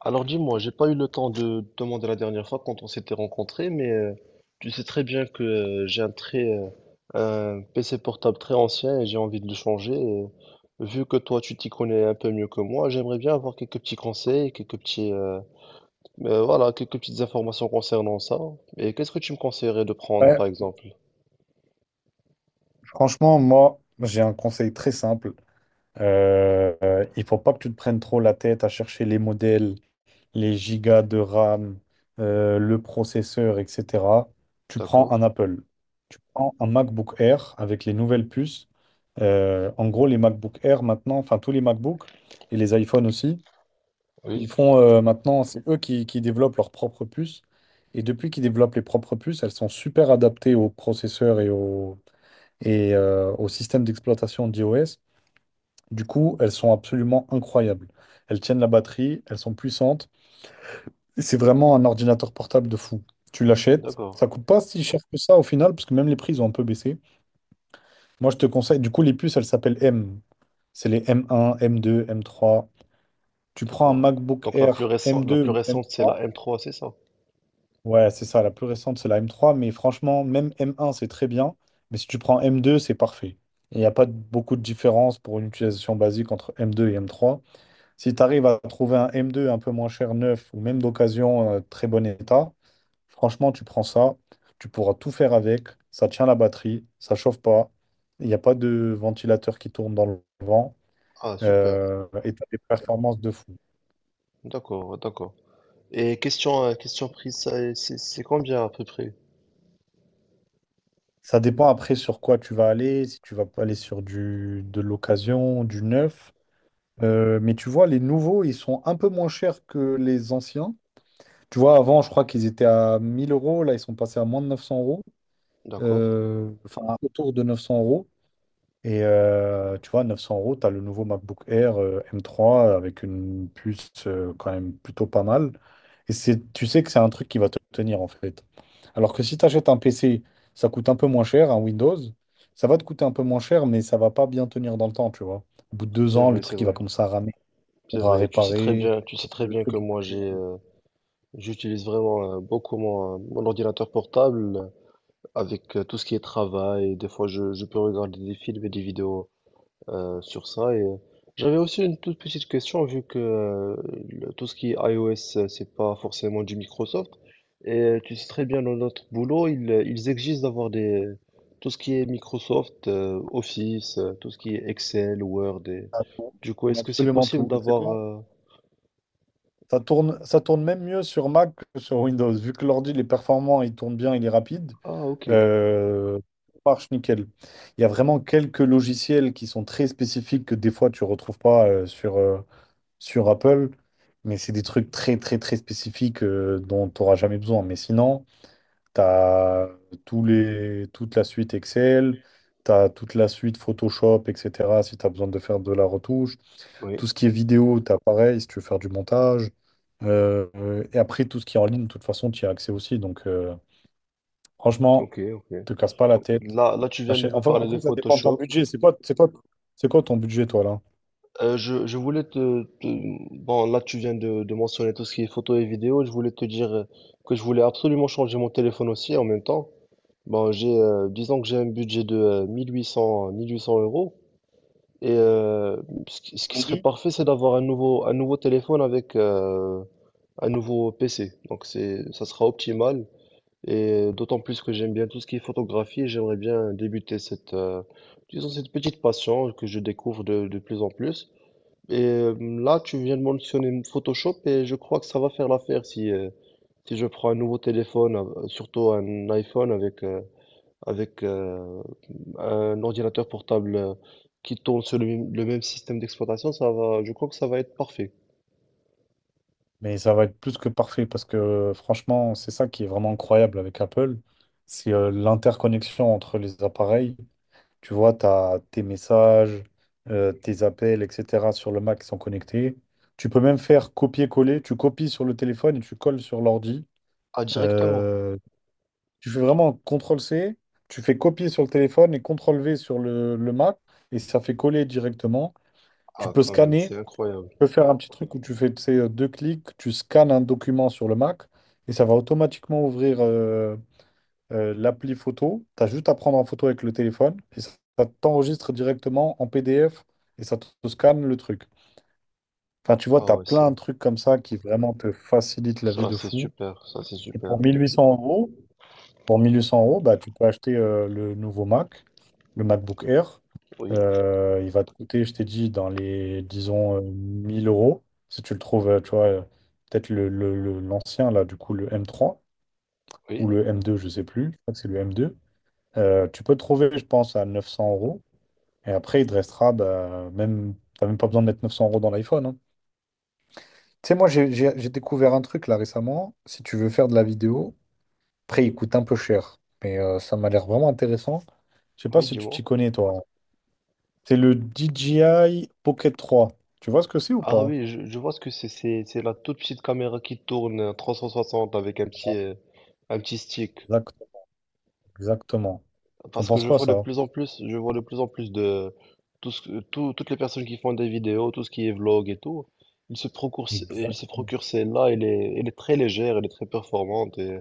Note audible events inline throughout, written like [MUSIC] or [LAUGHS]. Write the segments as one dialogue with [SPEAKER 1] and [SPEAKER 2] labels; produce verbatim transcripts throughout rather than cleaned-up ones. [SPEAKER 1] Alors dis-moi, j'ai pas eu le temps de te demander la dernière fois quand on s'était rencontrés, mais euh, tu sais très bien que euh, j'ai un très euh, un P C portable très ancien et j'ai envie de le changer. Et vu que toi tu t'y connais un peu mieux que moi, j'aimerais bien avoir quelques petits conseils, quelques petits euh, euh, voilà, quelques petites informations concernant ça. Et qu'est-ce que tu me conseillerais de prendre
[SPEAKER 2] Ouais,
[SPEAKER 1] par exemple?
[SPEAKER 2] franchement, moi, j'ai un conseil très simple. Euh, euh, il faut pas que tu te prennes trop la tête à chercher les modèles, les gigas de RAM, euh, le processeur, et cétéra. Tu prends
[SPEAKER 1] D'accord?
[SPEAKER 2] un Apple. Tu prends un MacBook Air avec les nouvelles puces. Euh, en gros, les MacBook Air maintenant, enfin tous les MacBooks et les iPhones aussi,
[SPEAKER 1] Oui,
[SPEAKER 2] ils font euh, maintenant, c'est eux qui, qui développent leurs propres puces. Et depuis qu'ils développent les propres puces, elles sont super adaptées aux processeurs et aux, et euh, au système d'exploitation d'iOS. Du coup, elles sont absolument incroyables. Elles tiennent la batterie, elles sont puissantes. Et C'est vraiment un ordinateur portable de fou. Tu l'achètes,
[SPEAKER 1] d'accord,
[SPEAKER 2] ça coûte pas si cher que ça au final, parce que même les prix ils ont un peu baissé. Moi, je te conseille, du coup, les puces, elles s'appellent M. C'est les M un, M deux, M trois. Tu prends un
[SPEAKER 1] d'accord.
[SPEAKER 2] MacBook
[SPEAKER 1] Donc la
[SPEAKER 2] Air
[SPEAKER 1] plus récente, la plus
[SPEAKER 2] M deux,
[SPEAKER 1] récente c'est la
[SPEAKER 2] M trois.
[SPEAKER 1] M trois, c'est ça?
[SPEAKER 2] Ouais, c'est ça, la plus récente, c'est la M trois, mais franchement, même M un, c'est très bien, mais si tu prends M deux, c'est parfait. Il n'y a pas de- beaucoup de différence pour une utilisation basique entre M deux et M trois. Si tu arrives à trouver un M deux un peu moins cher, neuf, ou même d'occasion, euh, très bon état, franchement, tu prends ça, tu pourras tout faire avec, ça tient la batterie, ça chauffe pas, il n'y a pas de ventilateur qui tourne dans le vent,
[SPEAKER 1] Ah super,
[SPEAKER 2] euh, et tu as des performances de fou.
[SPEAKER 1] d'accord, d'accord. Et question, euh, question prise, ça, c'est c'est combien à peu près?
[SPEAKER 2] Ça dépend après sur quoi tu vas aller, si tu vas pas aller sur du, de l'occasion, du neuf. Euh, mais tu vois, les nouveaux, ils sont un peu moins chers que les anciens. Tu vois, avant, je crois qu'ils étaient à mille euros, là, ils sont passés à moins de neuf cents euros.
[SPEAKER 1] D'accord.
[SPEAKER 2] Euh, enfin, autour de neuf cents euros. Et euh, tu vois, neuf cents euros, tu as le nouveau MacBook Air euh, M trois avec une puce euh, quand même plutôt pas mal. Et c'est, tu sais que c'est un truc qui va te tenir en fait. Alors que si tu achètes un P C, ça coûte un peu moins cher, un Windows, ça va te coûter un peu moins cher, mais ça va pas bien tenir dans le temps, tu vois. Au bout de deux
[SPEAKER 1] C'est
[SPEAKER 2] ans, le
[SPEAKER 1] vrai, c'est
[SPEAKER 2] truc il va
[SPEAKER 1] vrai,
[SPEAKER 2] commencer à ramer, il
[SPEAKER 1] c'est
[SPEAKER 2] faudra
[SPEAKER 1] vrai. Tu sais très
[SPEAKER 2] réparer.
[SPEAKER 1] bien, tu sais très
[SPEAKER 2] Le
[SPEAKER 1] bien que
[SPEAKER 2] truc, il
[SPEAKER 1] moi
[SPEAKER 2] faudra
[SPEAKER 1] j'ai, euh, j'utilise vraiment euh, beaucoup mon, euh, mon ordinateur portable euh, avec euh, tout ce qui est travail. Des fois, je, je peux regarder des films et des vidéos euh, sur ça. Et euh, j'avais aussi une toute petite question, vu que euh, le- tout ce qui est iOS, euh, c'est pas forcément du Microsoft. Et euh, tu sais très bien, dans notre boulot, ils, euh, ils exigent d'avoir des tout ce qui est Microsoft, euh, Office, euh, tout ce qui est Excel, Word. Et... Du coup, est-ce que c'est
[SPEAKER 2] absolument
[SPEAKER 1] possible
[SPEAKER 2] tout. Et Tu sais
[SPEAKER 1] d'avoir
[SPEAKER 2] quoi?
[SPEAKER 1] euh,
[SPEAKER 2] Ça tourne, ça tourne même mieux sur Mac que sur Windows. Vu que l'ordi, il est performant, il tourne bien, il est rapide,
[SPEAKER 1] Ah, ok.
[SPEAKER 2] euh, ça marche nickel. Il y a vraiment quelques logiciels qui sont très spécifiques que des fois tu ne retrouves pas euh, sur, euh, sur Apple, mais c'est des trucs très très très spécifiques euh, dont tu n'auras jamais besoin. Mais sinon, tu as tous les, toute la suite Excel, tu as toute la suite Photoshop, et cétéra si tu as besoin de faire de la retouche.
[SPEAKER 1] Oui,
[SPEAKER 2] Tout ce qui est vidéo, t'as pareil, si tu veux faire du montage. Euh, euh, et après, tout ce qui est en ligne, de toute façon, tu y as accès aussi. Donc, euh, franchement,
[SPEAKER 1] ok, ok.
[SPEAKER 2] te casse pas la tête.
[SPEAKER 1] Là, là, tu viens de
[SPEAKER 2] Achète-
[SPEAKER 1] me
[SPEAKER 2] Enfin,
[SPEAKER 1] parler de
[SPEAKER 2] après, ça dépend de ton
[SPEAKER 1] Photoshop.
[SPEAKER 2] budget. C'est quoi, c'est quoi, c'est quoi ton budget, toi, là?
[SPEAKER 1] Euh, je, je voulais te, te- Bon, là, tu viens de, de mentionner tout ce qui est photo et vidéo. Je voulais te dire euh, que je voulais absolument changer mon téléphone aussi en même temps. Bon, j'ai, euh, disons que j'ai un budget de euh, mille huit cents, mille huit cents euros. Et euh, ce qui, ce
[SPEAKER 2] Pour
[SPEAKER 1] qui
[SPEAKER 2] les
[SPEAKER 1] serait
[SPEAKER 2] deux?
[SPEAKER 1] parfait, c'est d'avoir un nouveau, un nouveau téléphone avec euh, un nouveau P C. Donc, c'est, ça sera optimal. Et d'autant plus que j'aime bien tout ce qui est photographie. Et j'aimerais bien débuter cette, euh, disons, cette petite passion que je découvre de de plus en plus. Et euh, là, tu viens de mentionner Photoshop et je crois que ça va faire l'affaire si, euh, si je prends un nouveau téléphone, euh, surtout un iPhone avec, euh, avec euh, un ordinateur portable euh, qui tourne sur le, même le même système d'exploitation, ça va, je crois que ça va être parfait.
[SPEAKER 2] Mais ça va être plus que parfait parce que franchement, c'est ça qui est vraiment incroyable avec Apple, c'est euh, l'interconnexion entre les appareils. Tu vois, tu as tes messages, euh, tes appels, et cétéra sur le Mac qui sont connectés. Tu peux même faire copier-coller, tu copies sur le téléphone et tu colles sur l'ordi.
[SPEAKER 1] Ah, directement.
[SPEAKER 2] Euh, Tu fais vraiment C T R L-C, tu fais copier sur le téléphone et C T R L-V sur le, le Mac et ça fait coller directement. Tu
[SPEAKER 1] Ah,
[SPEAKER 2] peux
[SPEAKER 1] quand même,
[SPEAKER 2] scanner
[SPEAKER 1] c'est incroyable.
[SPEAKER 2] peux faire un petit truc où tu fais tu sais, euh, deux clics, tu scannes un document sur le Mac et ça va automatiquement ouvrir euh, euh, l'appli photo. Tu as juste à prendre en photo avec le téléphone et ça, ça t'enregistre directement en P D F et ça te, te scanne le truc. Enfin, tu vois,
[SPEAKER 1] Ah
[SPEAKER 2] tu as
[SPEAKER 1] ouais, c'est
[SPEAKER 2] plein de trucs comme ça qui vraiment te facilitent la vie
[SPEAKER 1] ça,
[SPEAKER 2] de
[SPEAKER 1] c'est
[SPEAKER 2] fou.
[SPEAKER 1] super, ça, c'est
[SPEAKER 2] Et
[SPEAKER 1] super.
[SPEAKER 2] pour mille huit cents euros, pour mille huit cents euros, bah, tu peux acheter euh, le nouveau Mac, le MacBook Air.
[SPEAKER 1] Oui.
[SPEAKER 2] Euh, il va te coûter, je t'ai dit, dans les, disons, euh, mille euros. Si tu le trouves, euh, tu vois, euh, peut-être le, le- le- l'ancien, là, du coup, le M trois
[SPEAKER 1] Oui,
[SPEAKER 2] ou le M deux, je sais plus. Je crois que c'est le M deux. Euh, tu peux le trouver, je pense, à neuf cents euros. Et après, il te restera, bah, même, t'as même pas besoin de mettre neuf cents euros dans l'iPhone. hein. Tu sais, moi, j'ai j'ai- j'ai découvert un truc, là, récemment. Si tu veux faire de la vidéo, Après, il coûte un peu cher, mais euh, ça m'a l'air vraiment intéressant. Je sais pas
[SPEAKER 1] oui,
[SPEAKER 2] si tu
[SPEAKER 1] dis-moi.
[SPEAKER 2] t'y connais, toi. C'est le D J I Pocket trois. Tu vois ce que c'est ou
[SPEAKER 1] Ah
[SPEAKER 2] pas?
[SPEAKER 1] oui, je, je vois ce que c'est. C'est c'est la toute petite caméra qui tourne en trois cent soixante avec un petit, euh, un petit stick.
[SPEAKER 2] Exact- Exactement. T'en
[SPEAKER 1] Parce que
[SPEAKER 2] penses
[SPEAKER 1] je
[SPEAKER 2] quoi,
[SPEAKER 1] vois de
[SPEAKER 2] ça?
[SPEAKER 1] plus en plus, je vois de plus en plus de tout ce que- tout- toutes les personnes qui font des vidéos, tout ce qui est vlog et tout, ils se procurent, ce- ils se
[SPEAKER 2] Exactement.
[SPEAKER 1] procurent celle-là. Elle est, elle est très légère, elle est très performante et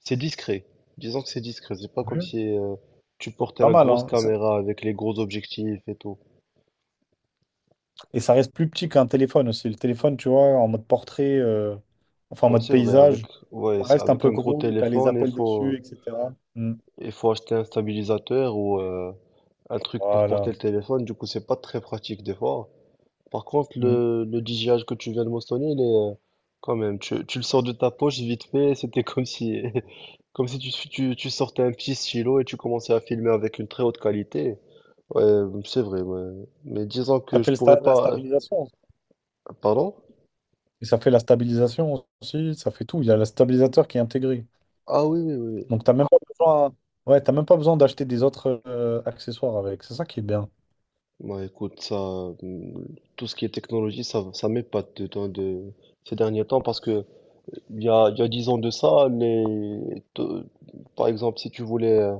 [SPEAKER 1] c'est discret. Disons que c'est discret. C'est pas comme
[SPEAKER 2] Mhm.
[SPEAKER 1] si euh, tu portais
[SPEAKER 2] Pas
[SPEAKER 1] la
[SPEAKER 2] mal,
[SPEAKER 1] grosse
[SPEAKER 2] hein? Ça-
[SPEAKER 1] caméra avec les gros objectifs et tout.
[SPEAKER 2] Et ça reste plus petit qu'un téléphone aussi. Le téléphone, tu vois, en mode portrait, euh, enfin en
[SPEAKER 1] Moi,
[SPEAKER 2] mode
[SPEAKER 1] c'est vrai, avec,
[SPEAKER 2] paysage,
[SPEAKER 1] ouais,
[SPEAKER 2] ça
[SPEAKER 1] c'est-
[SPEAKER 2] reste un
[SPEAKER 1] avec
[SPEAKER 2] peu
[SPEAKER 1] un gros
[SPEAKER 2] gros, t'as les
[SPEAKER 1] téléphone, il
[SPEAKER 2] appels
[SPEAKER 1] faut.
[SPEAKER 2] dessus, et cétéra. Mm.
[SPEAKER 1] Il faut acheter un stabilisateur ou euh, un truc pour porter
[SPEAKER 2] Voilà.
[SPEAKER 1] le téléphone, du coup c'est pas très pratique des fois. Par contre
[SPEAKER 2] Mm.
[SPEAKER 1] le, le D J I que tu viens de mentionner, il est euh, quand même, tu, tu le sors de ta poche vite fait, [LAUGHS] c'était comme si [LAUGHS] comme si tu, tu, tu sortais un petit stylo et tu commençais à filmer avec une très haute qualité. Ouais, c'est vrai, ouais. Mais disons que
[SPEAKER 2] Ça
[SPEAKER 1] je
[SPEAKER 2] fait le
[SPEAKER 1] pourrais
[SPEAKER 2] sta- la
[SPEAKER 1] pas. euh,
[SPEAKER 2] stabilisation.
[SPEAKER 1] Pardon?
[SPEAKER 2] Et ça fait la stabilisation aussi, ça fait tout. Il y a le stabilisateur qui est intégré.
[SPEAKER 1] Ah oui, oui, oui, oui.
[SPEAKER 2] Donc, t'as même pas besoin, ouais, t'as même pas besoin d'acheter des autres euh, accessoires avec. C'est ça qui est bien.
[SPEAKER 1] Bah écoute, ça, hum, tout ce qui est technologie, ça, ça m'épate de, de, de ces derniers temps parce que Il y a, il y a dix ans de ça, les... te- par exemple, si tu voulais euh,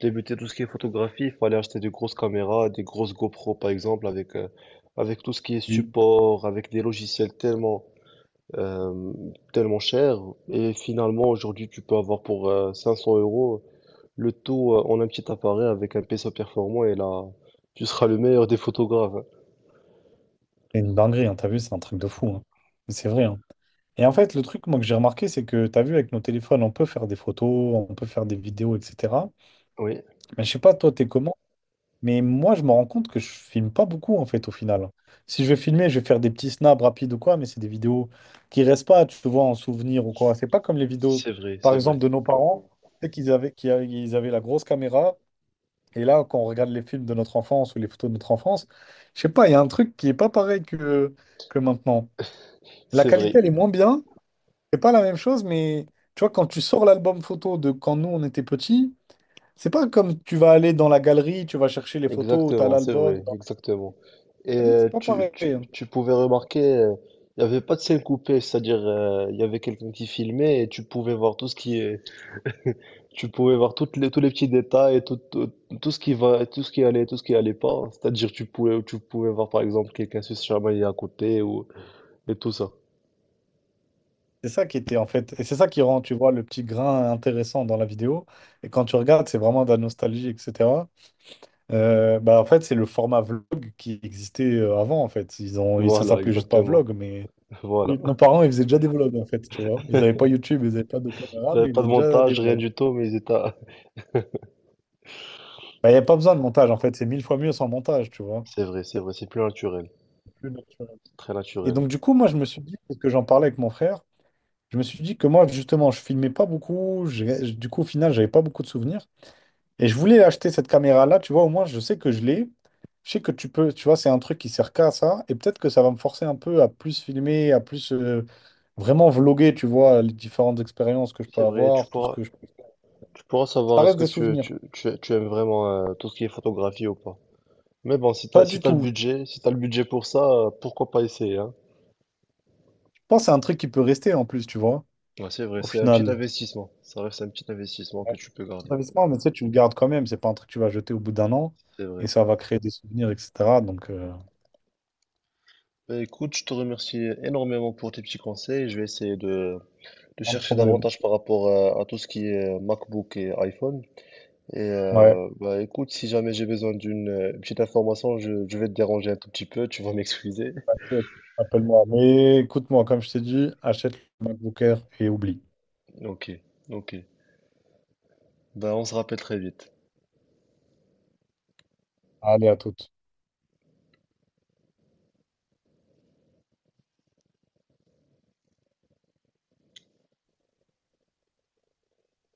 [SPEAKER 1] débuter tout ce qui est photographie, il fallait acheter des grosses caméras, des grosses GoPro par exemple, avec, euh, avec tout ce qui est
[SPEAKER 2] Oui.
[SPEAKER 1] support, avec des logiciels tellement, euh, tellement chers. Et finalement, aujourd'hui, tu peux avoir pour euh, cinq cents euros le tout euh, en un petit appareil avec un P C performant et là, tu seras le meilleur des photographes. Hein.
[SPEAKER 2] C'est une dinguerie, hein, t'as vu, c'est un truc de fou. hein. Mais C'est vrai. hein. Et en fait, le truc, moi, que j'ai remarqué, c'est que t'as vu, avec nos téléphones, on peut faire des photos, on peut faire des vidéos, et cétéra.
[SPEAKER 1] Oui,
[SPEAKER 2] Mais je sais pas, toi, t'es comment? Mais moi, je me rends compte que je filme pas beaucoup, en fait, au final. Si je vais filmer, je vais faire des petits snaps rapides ou quoi, mais c'est des vidéos qui restent pas, tu vois, en souvenir ou quoi. C'est pas comme les vidéos,
[SPEAKER 1] c'est vrai,
[SPEAKER 2] par
[SPEAKER 1] c'est
[SPEAKER 2] exemple,
[SPEAKER 1] vrai.
[SPEAKER 2] de nos parents, c'est qu'ils avaient, qu'ils avaient ils avaient la grosse caméra. Et là, quand on regarde les films de notre enfance ou les photos de notre enfance, je sais pas, il y a un truc qui est pas pareil que, que maintenant. La
[SPEAKER 1] C'est vrai.
[SPEAKER 2] qualité, elle est moins bien. C'est pas la même chose, mais tu vois, quand tu sors l'album photo de quand nous, on était petits, c'est pas comme tu vas aller dans la galerie, tu vas chercher les photos, tu as
[SPEAKER 1] Exactement, c'est
[SPEAKER 2] l'album.
[SPEAKER 1] vrai, exactement. Et
[SPEAKER 2] Ah Oui,
[SPEAKER 1] euh,
[SPEAKER 2] C'est pas
[SPEAKER 1] tu,
[SPEAKER 2] pareil.
[SPEAKER 1] tu,
[SPEAKER 2] hein.
[SPEAKER 1] tu pouvais remarquer, euh, il n'y avait pas de scène coupée, c'est-à-dire euh, il y avait quelqu'un qui filmait et tu pouvais voir tout ce qui est, tu pouvais voir toutes les, tous les petits détails et tout, tout, tout ce qui va, tout ce qui allait, tout ce qui allait pas. C'est-à-dire tu pouvais, tu pouvais voir par exemple quelqu'un se chamailler à côté ou et tout ça.
[SPEAKER 2] C'est ça qui était en fait, et c'est ça qui rend, tu vois, le petit grain intéressant dans la vidéo. Et quand tu regardes, c'est vraiment de la nostalgie, et cétéra. Euh, bah, en fait, c'est le format vlog qui existait euh, avant, en fait. Ils ont, ça
[SPEAKER 1] Voilà,
[SPEAKER 2] s'appelait juste pas
[SPEAKER 1] exactement.
[SPEAKER 2] vlog, mais
[SPEAKER 1] [LAUGHS] Voilà.
[SPEAKER 2] nos parents, ils faisaient déjà des vlogs, en fait, tu vois. Ils n'avaient pas YouTube, ils n'avaient pas de
[SPEAKER 1] Ils
[SPEAKER 2] caméra,
[SPEAKER 1] n'avaient
[SPEAKER 2] mais ils
[SPEAKER 1] pas de
[SPEAKER 2] faisaient déjà des
[SPEAKER 1] montage, rien
[SPEAKER 2] vlogs.
[SPEAKER 1] du tout, mais ils étaient. [LAUGHS]
[SPEAKER 2] Bah, il n'y a pas besoin de montage, en fait. C'est mille fois mieux sans montage, tu vois.
[SPEAKER 1] C'est vrai, c'est vrai, c'est plus naturel,
[SPEAKER 2] Plus naturel.
[SPEAKER 1] c'est très
[SPEAKER 2] Et
[SPEAKER 1] naturel.
[SPEAKER 2] donc, du coup, moi, je me suis dit, parce que j'en parlais avec mon frère, je me suis dit que moi, justement, je filmais pas beaucoup. j'ai- Du coup, au final, j'avais pas beaucoup de souvenirs. Et je voulais acheter cette caméra-là, tu vois, au moins je sais que je l'ai. Je sais que tu peux, tu vois, c'est un truc qui sert qu'à ça. Et peut-être que ça va me forcer un peu à plus filmer, à plus euh, vraiment vloguer, tu vois, les différentes expériences que je peux
[SPEAKER 1] C'est vrai, tu
[SPEAKER 2] avoir, tout ce
[SPEAKER 1] pourras.
[SPEAKER 2] que je peux faire.
[SPEAKER 1] Tu pourras
[SPEAKER 2] Ça
[SPEAKER 1] savoir est-ce
[SPEAKER 2] reste
[SPEAKER 1] que
[SPEAKER 2] des
[SPEAKER 1] tu,
[SPEAKER 2] souvenirs.
[SPEAKER 1] tu, tu, tu aimes vraiment euh, tout ce qui est photographie ou pas. Mais bon, si t'as,
[SPEAKER 2] Pas
[SPEAKER 1] si
[SPEAKER 2] du
[SPEAKER 1] t'as le
[SPEAKER 2] tout.
[SPEAKER 1] budget, si t'as le budget pour ça, euh, pourquoi pas essayer, hein?
[SPEAKER 2] Je pense que c'est un truc qui peut rester en plus, tu vois,
[SPEAKER 1] Ouais, c'est vrai,
[SPEAKER 2] au
[SPEAKER 1] c'est un petit
[SPEAKER 2] final.
[SPEAKER 1] investissement. Ça reste un petit investissement que
[SPEAKER 2] Ouais,
[SPEAKER 1] tu peux
[SPEAKER 2] c'est
[SPEAKER 1] garder.
[SPEAKER 2] un investissement, mais tu sais, tu le gardes quand même. C'est pas un truc que tu vas jeter au bout d'un an
[SPEAKER 1] C'est
[SPEAKER 2] et
[SPEAKER 1] vrai.
[SPEAKER 2] ça va créer des souvenirs, et cétéra. Donc, euh,
[SPEAKER 1] Bah, écoute, je te remercie énormément pour tes petits conseils. Je vais essayer de, de
[SPEAKER 2] pas de
[SPEAKER 1] chercher
[SPEAKER 2] problème.
[SPEAKER 1] davantage par rapport à, à tout ce qui est euh, MacBook et iPhone. Et
[SPEAKER 2] Ouais,
[SPEAKER 1] euh, bah écoute, si jamais j'ai besoin d'une euh, petite information, je, je vais te déranger un tout petit peu, tu vas m'excuser.
[SPEAKER 2] appelle-moi. Mais écoute-moi, comme je t'ai dit, achète le MacBook Air et oublie.
[SPEAKER 1] Ok, ok. Bah on se rappelle très vite.
[SPEAKER 2] Allez, à toutes.